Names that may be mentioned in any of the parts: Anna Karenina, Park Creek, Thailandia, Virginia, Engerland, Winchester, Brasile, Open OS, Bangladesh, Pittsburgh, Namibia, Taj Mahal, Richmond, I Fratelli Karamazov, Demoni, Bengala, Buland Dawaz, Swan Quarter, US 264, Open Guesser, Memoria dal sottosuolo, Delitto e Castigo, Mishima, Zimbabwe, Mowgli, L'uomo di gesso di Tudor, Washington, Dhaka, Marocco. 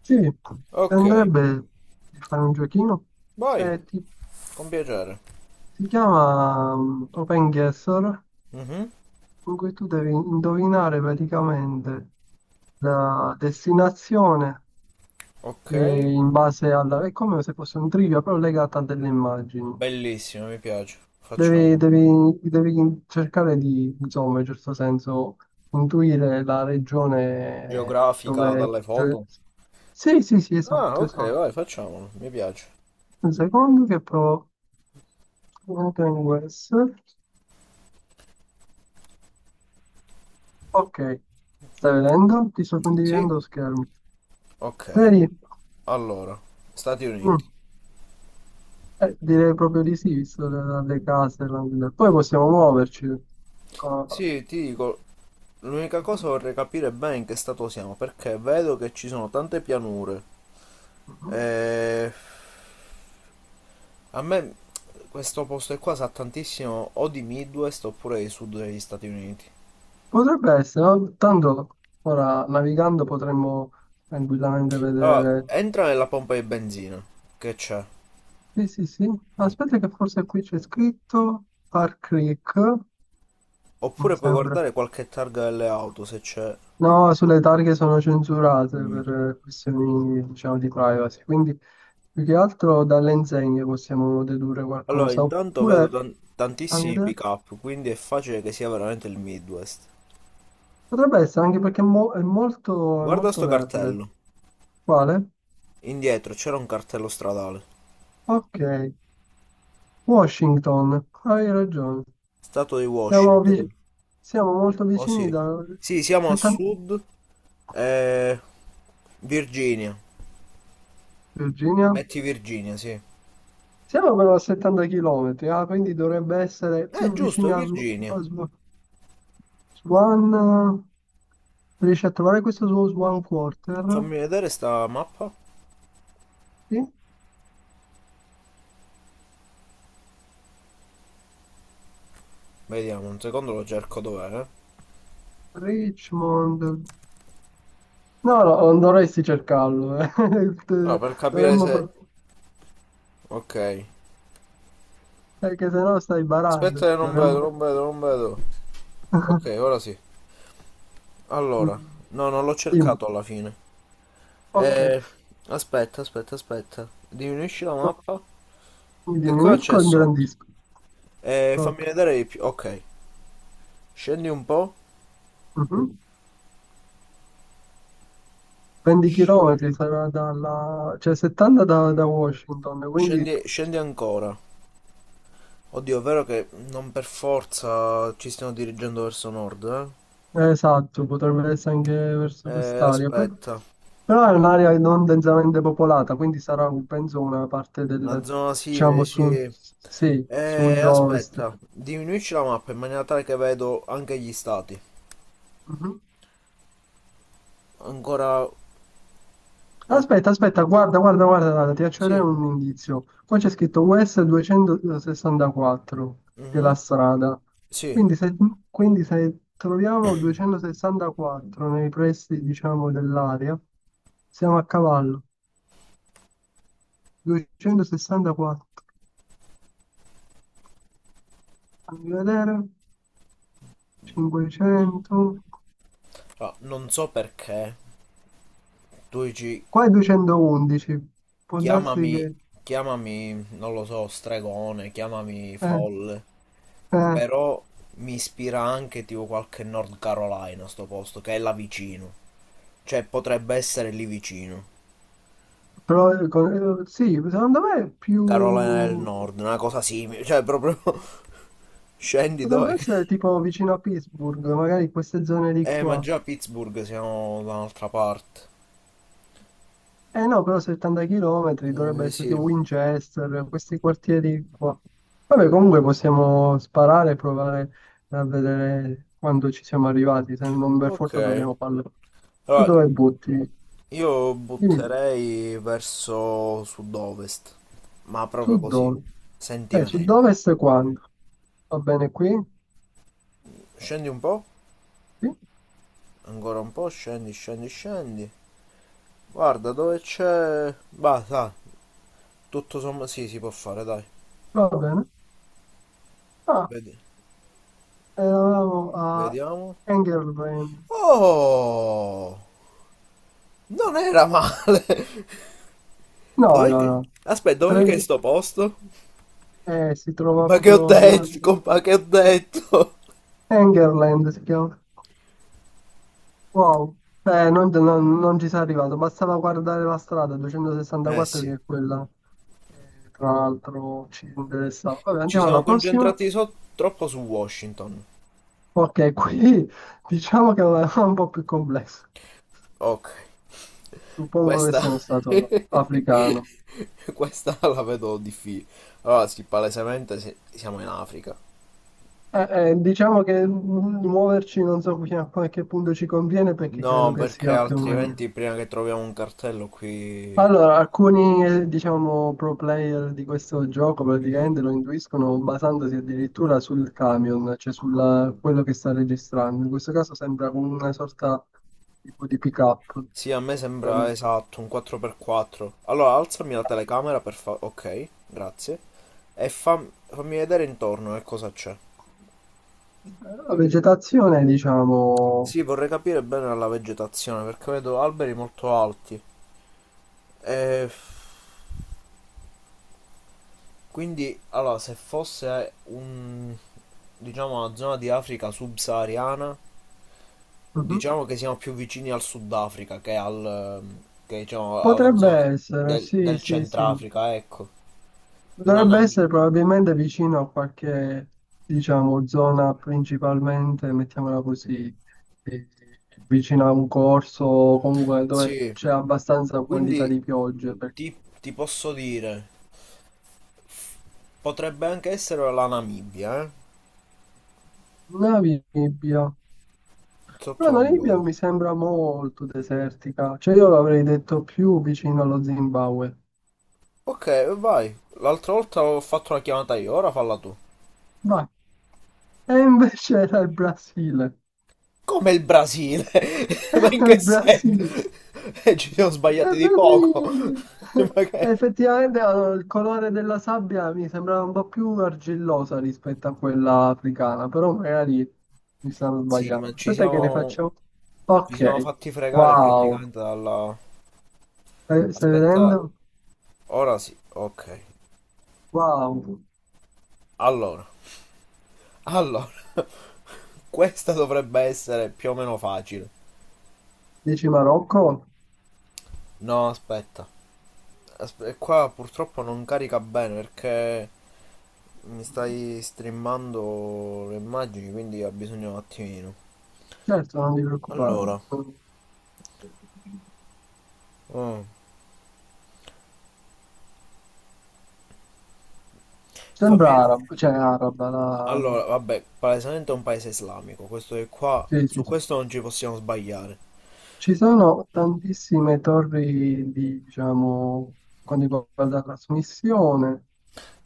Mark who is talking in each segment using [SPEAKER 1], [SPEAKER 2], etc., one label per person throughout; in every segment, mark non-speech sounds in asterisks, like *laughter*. [SPEAKER 1] Sì, ti
[SPEAKER 2] Ok,
[SPEAKER 1] andrebbe di fare un giochino?
[SPEAKER 2] vai,
[SPEAKER 1] Se ti,
[SPEAKER 2] con piacere.
[SPEAKER 1] Si chiama Open Guesser,
[SPEAKER 2] Mhm.
[SPEAKER 1] in cui tu devi indovinare praticamente la destinazione
[SPEAKER 2] Ok,
[SPEAKER 1] in base alla... È come se fosse un trivia, però legata a delle immagini.
[SPEAKER 2] bellissimo, mi piace. Facciamo.
[SPEAKER 1] Devi cercare di, insomma, in certo senso, intuire la regione
[SPEAKER 2] Geografica
[SPEAKER 1] dove...
[SPEAKER 2] dalle
[SPEAKER 1] Cioè...
[SPEAKER 2] foto.
[SPEAKER 1] Sì, sì, sì,
[SPEAKER 2] Ah,
[SPEAKER 1] esatto,
[SPEAKER 2] ok, vai,
[SPEAKER 1] esatto.
[SPEAKER 2] facciamolo, mi piace.
[SPEAKER 1] Un secondo che provo... Open OS. Ok, stai vedendo? Ti sto
[SPEAKER 2] Sì,
[SPEAKER 1] condividendo lo schermo.
[SPEAKER 2] ok.
[SPEAKER 1] Vedi?
[SPEAKER 2] Allora, Stati
[SPEAKER 1] Mm,
[SPEAKER 2] Uniti.
[SPEAKER 1] Direi proprio di sì, visto le, dalle case. Poi possiamo muoverci. Co-
[SPEAKER 2] Sì, ti dico, l'unica
[SPEAKER 1] Mhm,
[SPEAKER 2] cosa vorrei capire bene in che stato siamo, perché vedo che ci sono tante pianure. E...
[SPEAKER 1] mhm.
[SPEAKER 2] A me questo posto qua sa tantissimo o di Midwest oppure di Sud degli Stati Uniti.
[SPEAKER 1] Potrebbe essere, no? Tanto ora navigando potremmo tranquillamente
[SPEAKER 2] Allora,
[SPEAKER 1] vedere.
[SPEAKER 2] entra nella pompa di benzina, che c'è.
[SPEAKER 1] Sì, sì, sì.
[SPEAKER 2] Mm.
[SPEAKER 1] Aspetta che forse qui c'è scritto Park Creek,
[SPEAKER 2] Oppure
[SPEAKER 1] mi
[SPEAKER 2] puoi
[SPEAKER 1] sembra.
[SPEAKER 2] guardare qualche targa delle auto se c'è.
[SPEAKER 1] No, sulle targhe sono censurate
[SPEAKER 2] Mm.
[SPEAKER 1] per questioni, diciamo, di privacy, quindi più che altro dalle insegne possiamo dedurre
[SPEAKER 2] Allora,
[SPEAKER 1] qualcosa,
[SPEAKER 2] intanto vedo
[SPEAKER 1] oppure,
[SPEAKER 2] tan-
[SPEAKER 1] a mio
[SPEAKER 2] tantissimi
[SPEAKER 1] idea,
[SPEAKER 2] pick-up, quindi è facile che sia veramente il Midwest.
[SPEAKER 1] potrebbe essere anche perché è, è
[SPEAKER 2] Guarda
[SPEAKER 1] molto
[SPEAKER 2] sto
[SPEAKER 1] verde.
[SPEAKER 2] cartello.
[SPEAKER 1] Quale?
[SPEAKER 2] Indietro c'era un cartello stradale.
[SPEAKER 1] Ok, Washington, hai ragione.
[SPEAKER 2] Stato di
[SPEAKER 1] Siamo, vi-
[SPEAKER 2] Washington.
[SPEAKER 1] siamo molto
[SPEAKER 2] Oh
[SPEAKER 1] vicini
[SPEAKER 2] sì.
[SPEAKER 1] da
[SPEAKER 2] Sì, siamo a
[SPEAKER 1] 70.
[SPEAKER 2] sud. eh, Virginia.
[SPEAKER 1] Virginia?
[SPEAKER 2] Metti Virginia, sì.
[SPEAKER 1] Siamo però a 70 km, ah, quindi dovrebbe essere più
[SPEAKER 2] Giusto,
[SPEAKER 1] vicini
[SPEAKER 2] è
[SPEAKER 1] a,
[SPEAKER 2] Virginia.
[SPEAKER 1] Swan, riesci a trovare questo suo Swan Quarter?
[SPEAKER 2] Fammi vedere sta mappa.
[SPEAKER 1] Sì?
[SPEAKER 2] Vediamo, un secondo lo cerco dov'è.
[SPEAKER 1] Richmond. No, no, non dovresti cercarlo. *laughs*
[SPEAKER 2] No,
[SPEAKER 1] Te-
[SPEAKER 2] per capire
[SPEAKER 1] Dovremmo...
[SPEAKER 2] se. Ok.
[SPEAKER 1] Perché sennò stai barando.
[SPEAKER 2] Aspetta che
[SPEAKER 1] Cioè,
[SPEAKER 2] non
[SPEAKER 1] dovremmo...
[SPEAKER 2] vedo, non vedo, non vedo.
[SPEAKER 1] *laughs*
[SPEAKER 2] Ok, ora sì. Allora.
[SPEAKER 1] Mm,
[SPEAKER 2] No, non l'ho
[SPEAKER 1] Dimmi.
[SPEAKER 2] cercato alla fine.
[SPEAKER 1] Ok.
[SPEAKER 2] Eh, aspetta, aspetta, aspetta. Diminuisci la
[SPEAKER 1] No,
[SPEAKER 2] mappa.
[SPEAKER 1] mi
[SPEAKER 2] Che cosa
[SPEAKER 1] diminuisco
[SPEAKER 2] c'è
[SPEAKER 1] e
[SPEAKER 2] sotto?
[SPEAKER 1] ingrandisco.
[SPEAKER 2] Fammi
[SPEAKER 1] Ok.
[SPEAKER 2] vedere di più. Ok. Scendi un po'.
[SPEAKER 1] Mhm. 20 km sarà dalla... cioè 70 da, da Washington, quindi
[SPEAKER 2] Scendi, scendi ancora. Oddio, è vero che non per forza ci stiamo dirigendo verso nord,
[SPEAKER 1] esatto, potrebbe essere anche
[SPEAKER 2] eh?
[SPEAKER 1] verso quest'area.
[SPEAKER 2] Aspetta.
[SPEAKER 1] Però è un'area non densamente popolata, quindi sarà, penso, una parte
[SPEAKER 2] Una
[SPEAKER 1] del,
[SPEAKER 2] zona simile,
[SPEAKER 1] diciamo, sud,
[SPEAKER 2] sì.
[SPEAKER 1] sì, sud-ovest.
[SPEAKER 2] Aspetta, diminuisci la mappa in maniera tale che vedo anche gli stati.
[SPEAKER 1] Mhm.
[SPEAKER 2] Ancora. Oh,
[SPEAKER 1] Aspetta, aspetta, guarda, ti faccio vedere
[SPEAKER 2] sì.
[SPEAKER 1] un indizio. Qua c'è scritto US 264 della
[SPEAKER 2] Mhm.
[SPEAKER 1] strada.
[SPEAKER 2] Sì.
[SPEAKER 1] Quindi se, quindi se troviamo 264 nei pressi, diciamo, dell'area, siamo a cavallo. 264. Fammi vedere. 500.
[SPEAKER 2] Ah, non so perché. Luigi,
[SPEAKER 1] Qua è 211. Può darsi
[SPEAKER 2] chiamami...
[SPEAKER 1] che...
[SPEAKER 2] Chiamami, non lo so, stregone, chiamami
[SPEAKER 1] eh,
[SPEAKER 2] folle.
[SPEAKER 1] eh,
[SPEAKER 2] Però mi ispira anche tipo qualche North Carolina, sto posto, che è là vicino. Cioè, potrebbe essere lì vicino.
[SPEAKER 1] sì, secondo me è
[SPEAKER 2] Carolina del
[SPEAKER 1] più...
[SPEAKER 2] Nord, una cosa simile. Cioè, proprio. *laughs* Scendi
[SPEAKER 1] Potrebbe
[SPEAKER 2] dove?
[SPEAKER 1] essere tipo vicino a Pittsburgh, magari queste zone di
[SPEAKER 2] Ma
[SPEAKER 1] qua.
[SPEAKER 2] già a Pittsburgh siamo da un'altra parte.
[SPEAKER 1] Eh no, però 70 km dovrebbe essere
[SPEAKER 2] Sì.
[SPEAKER 1] tipo Winchester, questi quartieri qua. Vabbè, comunque possiamo sparare e provare a vedere quando ci siamo arrivati, se non per
[SPEAKER 2] Ok.
[SPEAKER 1] forza dobbiamo farlo. Tu
[SPEAKER 2] Allora,
[SPEAKER 1] dove butti?
[SPEAKER 2] io
[SPEAKER 1] Dimmi.
[SPEAKER 2] butterei verso sud-ovest, ma proprio così.
[SPEAKER 1] Sud-ovest.
[SPEAKER 2] Sentimenti.
[SPEAKER 1] Sud-ovest quando? Va bene qui?
[SPEAKER 2] Scendi un po',
[SPEAKER 1] Sì,
[SPEAKER 2] ancora un po', scendi, scendi, scendi. Guarda dove c'è. Bah, sa, tutto sommato. Sì, si può fare, dai.
[SPEAKER 1] va bene. Ah,
[SPEAKER 2] Vedi-
[SPEAKER 1] eravamo a
[SPEAKER 2] Vediamo.
[SPEAKER 1] Engerland.
[SPEAKER 2] Oh! Non era male! *laughs*
[SPEAKER 1] No,
[SPEAKER 2] Dov'è
[SPEAKER 1] no,
[SPEAKER 2] che?
[SPEAKER 1] no.
[SPEAKER 2] Aspetta, dov'è che
[SPEAKER 1] Tre-
[SPEAKER 2] è sto posto?
[SPEAKER 1] si trova
[SPEAKER 2] Ma che ho
[SPEAKER 1] proprio...
[SPEAKER 2] detto, ma che ho detto?
[SPEAKER 1] Engerland si chiama. Wow. Non ci sei arrivato. Bastava guardare la strada
[SPEAKER 2] Eh
[SPEAKER 1] 264
[SPEAKER 2] sì,
[SPEAKER 1] che è quella che tra l'altro ci interessava. Vabbè,
[SPEAKER 2] ci
[SPEAKER 1] andiamo
[SPEAKER 2] siamo
[SPEAKER 1] alla prossima.
[SPEAKER 2] concentrati troppo su Washington.
[SPEAKER 1] Ok, qui *laughs* diciamo che è un po' più complesso.
[SPEAKER 2] Ok,
[SPEAKER 1] Suppongo che
[SPEAKER 2] questa,
[SPEAKER 1] sia uno stato
[SPEAKER 2] *laughs*
[SPEAKER 1] africano.
[SPEAKER 2] questa la vedo difficile. Allora, sì, palesemente siamo in Africa.
[SPEAKER 1] Diciamo che muoverci non so fino a qualche punto ci conviene perché credo
[SPEAKER 2] No,
[SPEAKER 1] che
[SPEAKER 2] perché
[SPEAKER 1] sia più o meno.
[SPEAKER 2] altrimenti prima che troviamo un cartello qui.
[SPEAKER 1] Allora, alcuni diciamo pro player di questo gioco praticamente lo intuiscono basandosi addirittura sul camion, cioè su quello che sta registrando. In questo caso sembra come una sorta tipo di pick-up.
[SPEAKER 2] Sì, a me
[SPEAKER 1] Eh,
[SPEAKER 2] sembra esatto, un 4x4. Allora, alzami la telecamera. Ok, grazie. E fammi vedere intorno che cosa c'è.
[SPEAKER 1] La vegetazione, diciamo,
[SPEAKER 2] Sì, vorrei capire bene la vegetazione perché vedo alberi molto alti. E quindi, allora, se fosse un, diciamo, una zona di Africa subsahariana,
[SPEAKER 1] mhm.
[SPEAKER 2] diciamo che siamo più vicini al Sudafrica che che, diciamo, alla
[SPEAKER 1] Potrebbe
[SPEAKER 2] zona
[SPEAKER 1] essere,
[SPEAKER 2] del,
[SPEAKER 1] sì,
[SPEAKER 2] del
[SPEAKER 1] sì, sì.
[SPEAKER 2] Centrafrica, ecco. Una
[SPEAKER 1] Dovrebbe
[SPEAKER 2] Namibia.
[SPEAKER 1] essere probabilmente vicino a qualche, diciamo, zona principalmente, mettiamola così, eh, vicino a un corso o comunque dove
[SPEAKER 2] Sì,
[SPEAKER 1] c'è abbastanza quantità
[SPEAKER 2] quindi
[SPEAKER 1] di piogge.
[SPEAKER 2] ti, ti posso dire, potrebbe anche essere la Namibia, eh?
[SPEAKER 1] Una Namibia, però
[SPEAKER 2] Sotto
[SPEAKER 1] la Namibia
[SPEAKER 2] l'Angola.
[SPEAKER 1] mi sembra molto desertica, cioè io l'avrei detto più vicino allo Zimbabwe.
[SPEAKER 2] Ok, vai. L'altra volta ho fatto la chiamata io, ora falla tu.
[SPEAKER 1] Vai. E invece era il Brasile.
[SPEAKER 2] Come il Brasile?
[SPEAKER 1] *laughs*
[SPEAKER 2] *laughs* Ma in
[SPEAKER 1] Era
[SPEAKER 2] che
[SPEAKER 1] il Brasile.
[SPEAKER 2] senso? *laughs* Ci siamo sbagliati
[SPEAKER 1] Beh,
[SPEAKER 2] di poco.
[SPEAKER 1] sì.
[SPEAKER 2] *laughs*
[SPEAKER 1] *laughs*
[SPEAKER 2] Ma che.
[SPEAKER 1] Effettivamente il colore della sabbia mi sembrava un po' più argillosa rispetto a quella africana, però magari mi stanno
[SPEAKER 2] Sì, ma
[SPEAKER 1] sbagliando.
[SPEAKER 2] ci
[SPEAKER 1] Aspetta che ne
[SPEAKER 2] siamo...
[SPEAKER 1] faccio.
[SPEAKER 2] ci siamo
[SPEAKER 1] Ok,
[SPEAKER 2] fatti fregare
[SPEAKER 1] wow.
[SPEAKER 2] praticamente dalla.
[SPEAKER 1] Stai
[SPEAKER 2] Aspetta,
[SPEAKER 1] vedendo?
[SPEAKER 2] ora sì, ok.
[SPEAKER 1] Wow.
[SPEAKER 2] Allora, allora, *laughs* questa dovrebbe essere più o meno facile.
[SPEAKER 1] Dici Marocco?
[SPEAKER 2] No, aspetta. Qua purtroppo non carica bene perché mi
[SPEAKER 1] Mhm.
[SPEAKER 2] stai streamando le immagini, quindi ha bisogno un attimino.
[SPEAKER 1] Certo, non ti preoccupare.
[SPEAKER 2] Allora, oh,
[SPEAKER 1] Sembra
[SPEAKER 2] fammi.
[SPEAKER 1] arabo, cioè araba.
[SPEAKER 2] Allora, vabbè, palesemente è un paese islamico, questo è qua,
[SPEAKER 1] Sì,
[SPEAKER 2] su
[SPEAKER 1] sì, sì.
[SPEAKER 2] questo non ci possiamo sbagliare.
[SPEAKER 1] Ci sono tantissime torri di, diciamo, quando riguarda la trasmissione.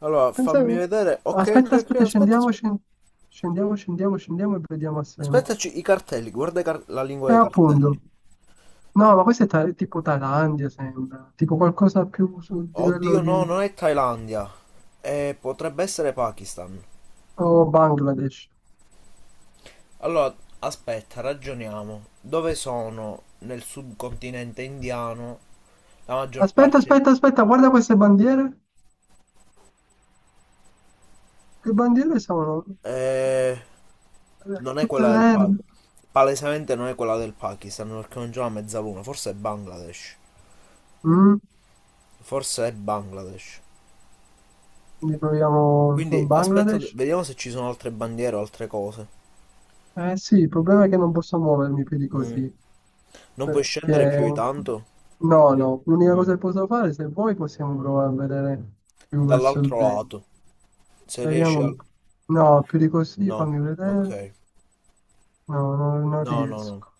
[SPEAKER 2] Allora,
[SPEAKER 1] Pensa-
[SPEAKER 2] fammi vedere. Ok, ok,
[SPEAKER 1] Aspetta,
[SPEAKER 2] ok,
[SPEAKER 1] aspetta,
[SPEAKER 2] aspetta,
[SPEAKER 1] scendiamo,
[SPEAKER 2] aspetta.
[SPEAKER 1] scendiamo, scendiamo e vediamo assieme.
[SPEAKER 2] Aspettaci i cartelli, guarda i la lingua
[SPEAKER 1] E
[SPEAKER 2] dei
[SPEAKER 1] appunto,
[SPEAKER 2] cartelli.
[SPEAKER 1] no, ma questo è tipo Thailandia, sembra, tipo qualcosa più sul livello
[SPEAKER 2] Oddio, no,
[SPEAKER 1] di
[SPEAKER 2] non è Thailandia. Potrebbe essere Pakistan.
[SPEAKER 1] oh, Bangladesh.
[SPEAKER 2] Allora, aspetta, ragioniamo. Dove sono nel subcontinente indiano la maggior
[SPEAKER 1] Aspetta,
[SPEAKER 2] parte.
[SPEAKER 1] aspetta, aspetta, guarda queste bandiere. Che bandiere sono?
[SPEAKER 2] Eh, non è
[SPEAKER 1] Tutte
[SPEAKER 2] quella del
[SPEAKER 1] verdi.
[SPEAKER 2] Pakistan. Palesemente non è quella del Pakistan perché non c'è una mezzaluna. Forse è Bangladesh.
[SPEAKER 1] Mm,
[SPEAKER 2] Forse è Bangladesh.
[SPEAKER 1] Quindi proviamo
[SPEAKER 2] Quindi
[SPEAKER 1] con
[SPEAKER 2] aspetta,
[SPEAKER 1] Bangladesh.
[SPEAKER 2] vediamo se ci sono altre bandiere o altre cose.
[SPEAKER 1] Eh sì, il problema è che non posso muovermi più di così,
[SPEAKER 2] Non puoi scendere più
[SPEAKER 1] perché
[SPEAKER 2] di tanto.
[SPEAKER 1] no, no, l'unica
[SPEAKER 2] Mm.
[SPEAKER 1] cosa che posso fare, se vuoi possiamo provare a vedere più verso il
[SPEAKER 2] Dall'altro
[SPEAKER 1] dentro.
[SPEAKER 2] lato. Se riesci
[SPEAKER 1] Vediamo,
[SPEAKER 2] al.
[SPEAKER 1] un po'. No, più di così,
[SPEAKER 2] No,
[SPEAKER 1] fammi
[SPEAKER 2] ok.
[SPEAKER 1] vedere, no, no, non
[SPEAKER 2] No, no, no.
[SPEAKER 1] riesco.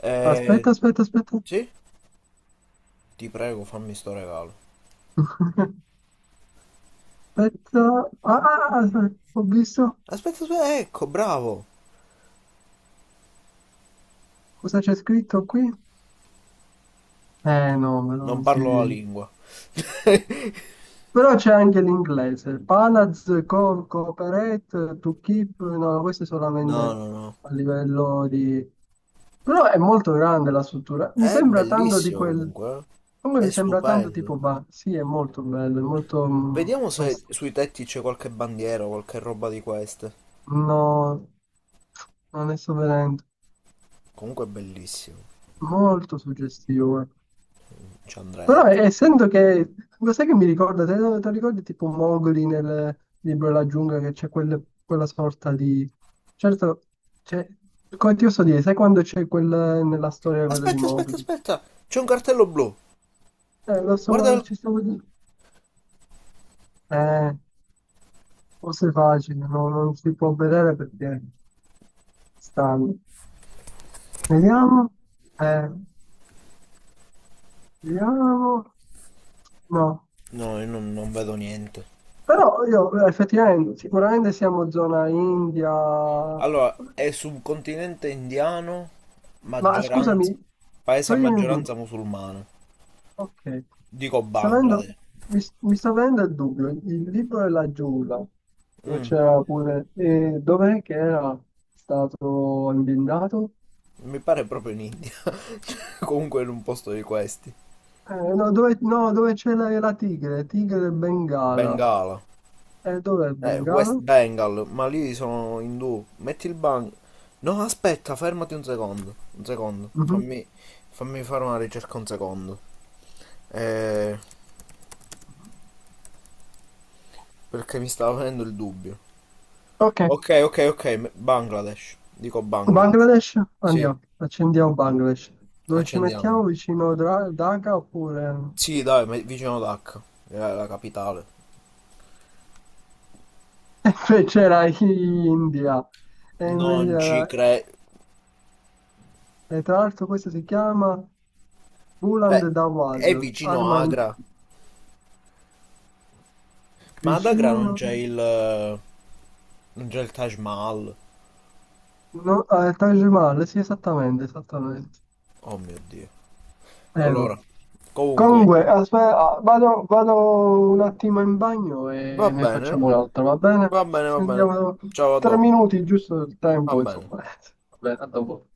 [SPEAKER 2] Eh,
[SPEAKER 1] Aspetta,
[SPEAKER 2] sì? Ti prego, fammi sto regalo.
[SPEAKER 1] *laughs* aspetta, ah, ho visto
[SPEAKER 2] Aspetta, aspetta, ecco, bravo.
[SPEAKER 1] cosa c'è scritto qui? Eh no, ma
[SPEAKER 2] Non
[SPEAKER 1] non si...
[SPEAKER 2] parlo la lingua. *laughs*
[SPEAKER 1] Però c'è anche l'inglese, Palaz, Cooperate, To Keep, no, questo è
[SPEAKER 2] No,
[SPEAKER 1] solamente
[SPEAKER 2] no, no.
[SPEAKER 1] a livello di... Però è molto grande la struttura, mi
[SPEAKER 2] È
[SPEAKER 1] sembra tanto di
[SPEAKER 2] bellissimo
[SPEAKER 1] quel...
[SPEAKER 2] comunque, eh.
[SPEAKER 1] Come
[SPEAKER 2] È
[SPEAKER 1] mi sembra tanto
[SPEAKER 2] stupendo.
[SPEAKER 1] tipo, bah, sì, è molto bello, è molto...
[SPEAKER 2] Vediamo se
[SPEAKER 1] questo.
[SPEAKER 2] sui tetti c'è qualche bandiera o qualche roba di queste.
[SPEAKER 1] No, non ne sto vedendo,
[SPEAKER 2] Comunque è bellissimo.
[SPEAKER 1] molto suggestivo.
[SPEAKER 2] Ci
[SPEAKER 1] Però
[SPEAKER 2] andrei.
[SPEAKER 1] essendo che, lo sai che mi ricorda, te lo ricordi tipo Mowgli nel libro della giungla che c'è quella sorta di... Certo, c'è, come ti posso dire, sai quando c'è quel, nella storia quella di
[SPEAKER 2] Aspetta, aspetta,
[SPEAKER 1] Mowgli?
[SPEAKER 2] aspetta! C'è un cartello blu.
[SPEAKER 1] Lo
[SPEAKER 2] Guarda
[SPEAKER 1] so,
[SPEAKER 2] il.
[SPEAKER 1] ci stavo dicendo. Eh, forse è facile, no? Non si può vedere perché stanno. Vediamo, eh, vediamo, no.
[SPEAKER 2] No, io non vedo niente.
[SPEAKER 1] Però io effettivamente, sicuramente siamo zona India.
[SPEAKER 2] Allora, è sul continente indiano,
[SPEAKER 1] Ma
[SPEAKER 2] maggioranza...
[SPEAKER 1] scusami,
[SPEAKER 2] paese a
[SPEAKER 1] toglimi un dubbio.
[SPEAKER 2] maggioranza musulmana.
[SPEAKER 1] Ok,
[SPEAKER 2] Dico
[SPEAKER 1] sta venendo-
[SPEAKER 2] Bangladesh.
[SPEAKER 1] mi sta venendo il dubbio. Il libro della giungla, dove
[SPEAKER 2] Mm,
[SPEAKER 1] c'era pure... E dov'è che era stato imbindato?
[SPEAKER 2] mi pare proprio in India. *laughs* Comunque in un posto di questi.
[SPEAKER 1] No, dove, no, dove c'è la tigre, tigre del Bengala.
[SPEAKER 2] Bengala.
[SPEAKER 1] E dov'è il
[SPEAKER 2] West
[SPEAKER 1] Bengala?
[SPEAKER 2] Bengal, ma lì sono indù. Metti il ban. No, aspetta, fermati un secondo. Un secondo.
[SPEAKER 1] Mhm.
[SPEAKER 2] Fammi fare una ricerca un secondo. Eh, perché mi stava venendo il dubbio.
[SPEAKER 1] Ok,
[SPEAKER 2] Ok, ok, ok. Bangladesh. Dico Bangladesh.
[SPEAKER 1] Bangladesh,
[SPEAKER 2] Sì,
[SPEAKER 1] andiamo, accendiamo Bangladesh. Dove ci
[SPEAKER 2] accendiamo.
[SPEAKER 1] mettiamo vicino Dhaka oppure...
[SPEAKER 2] Sì, dai, ma è vicino Dhaka, è la capitale.
[SPEAKER 1] *laughs* Cioè, c'era India e invece
[SPEAKER 2] Non ci
[SPEAKER 1] era...
[SPEAKER 2] credo.
[SPEAKER 1] E tra l'altro questo si chiama Buland
[SPEAKER 2] Cioè,
[SPEAKER 1] Dawaz,
[SPEAKER 2] è vicino
[SPEAKER 1] Armand
[SPEAKER 2] Agra. Ma ad Agra
[SPEAKER 1] vicino,
[SPEAKER 2] non c'è il, non c'è il Taj Mahal.
[SPEAKER 1] no, Taj Mahal, sì esattamente, esattamente.
[SPEAKER 2] Oh mio Dio.
[SPEAKER 1] Vabbè.
[SPEAKER 2] Allora, comunque,
[SPEAKER 1] Comunque, aspetta, vado, vado un attimo in bagno
[SPEAKER 2] va
[SPEAKER 1] e ne
[SPEAKER 2] bene,
[SPEAKER 1] facciamo un'altra, va bene?
[SPEAKER 2] va
[SPEAKER 1] Ci
[SPEAKER 2] bene, va bene.
[SPEAKER 1] sentiamo tra
[SPEAKER 2] Ciao, a
[SPEAKER 1] tre
[SPEAKER 2] dopo.
[SPEAKER 1] minuti, giusto il
[SPEAKER 2] Va
[SPEAKER 1] tempo,
[SPEAKER 2] bene.
[SPEAKER 1] insomma. *laughs* Va bene, a dopo.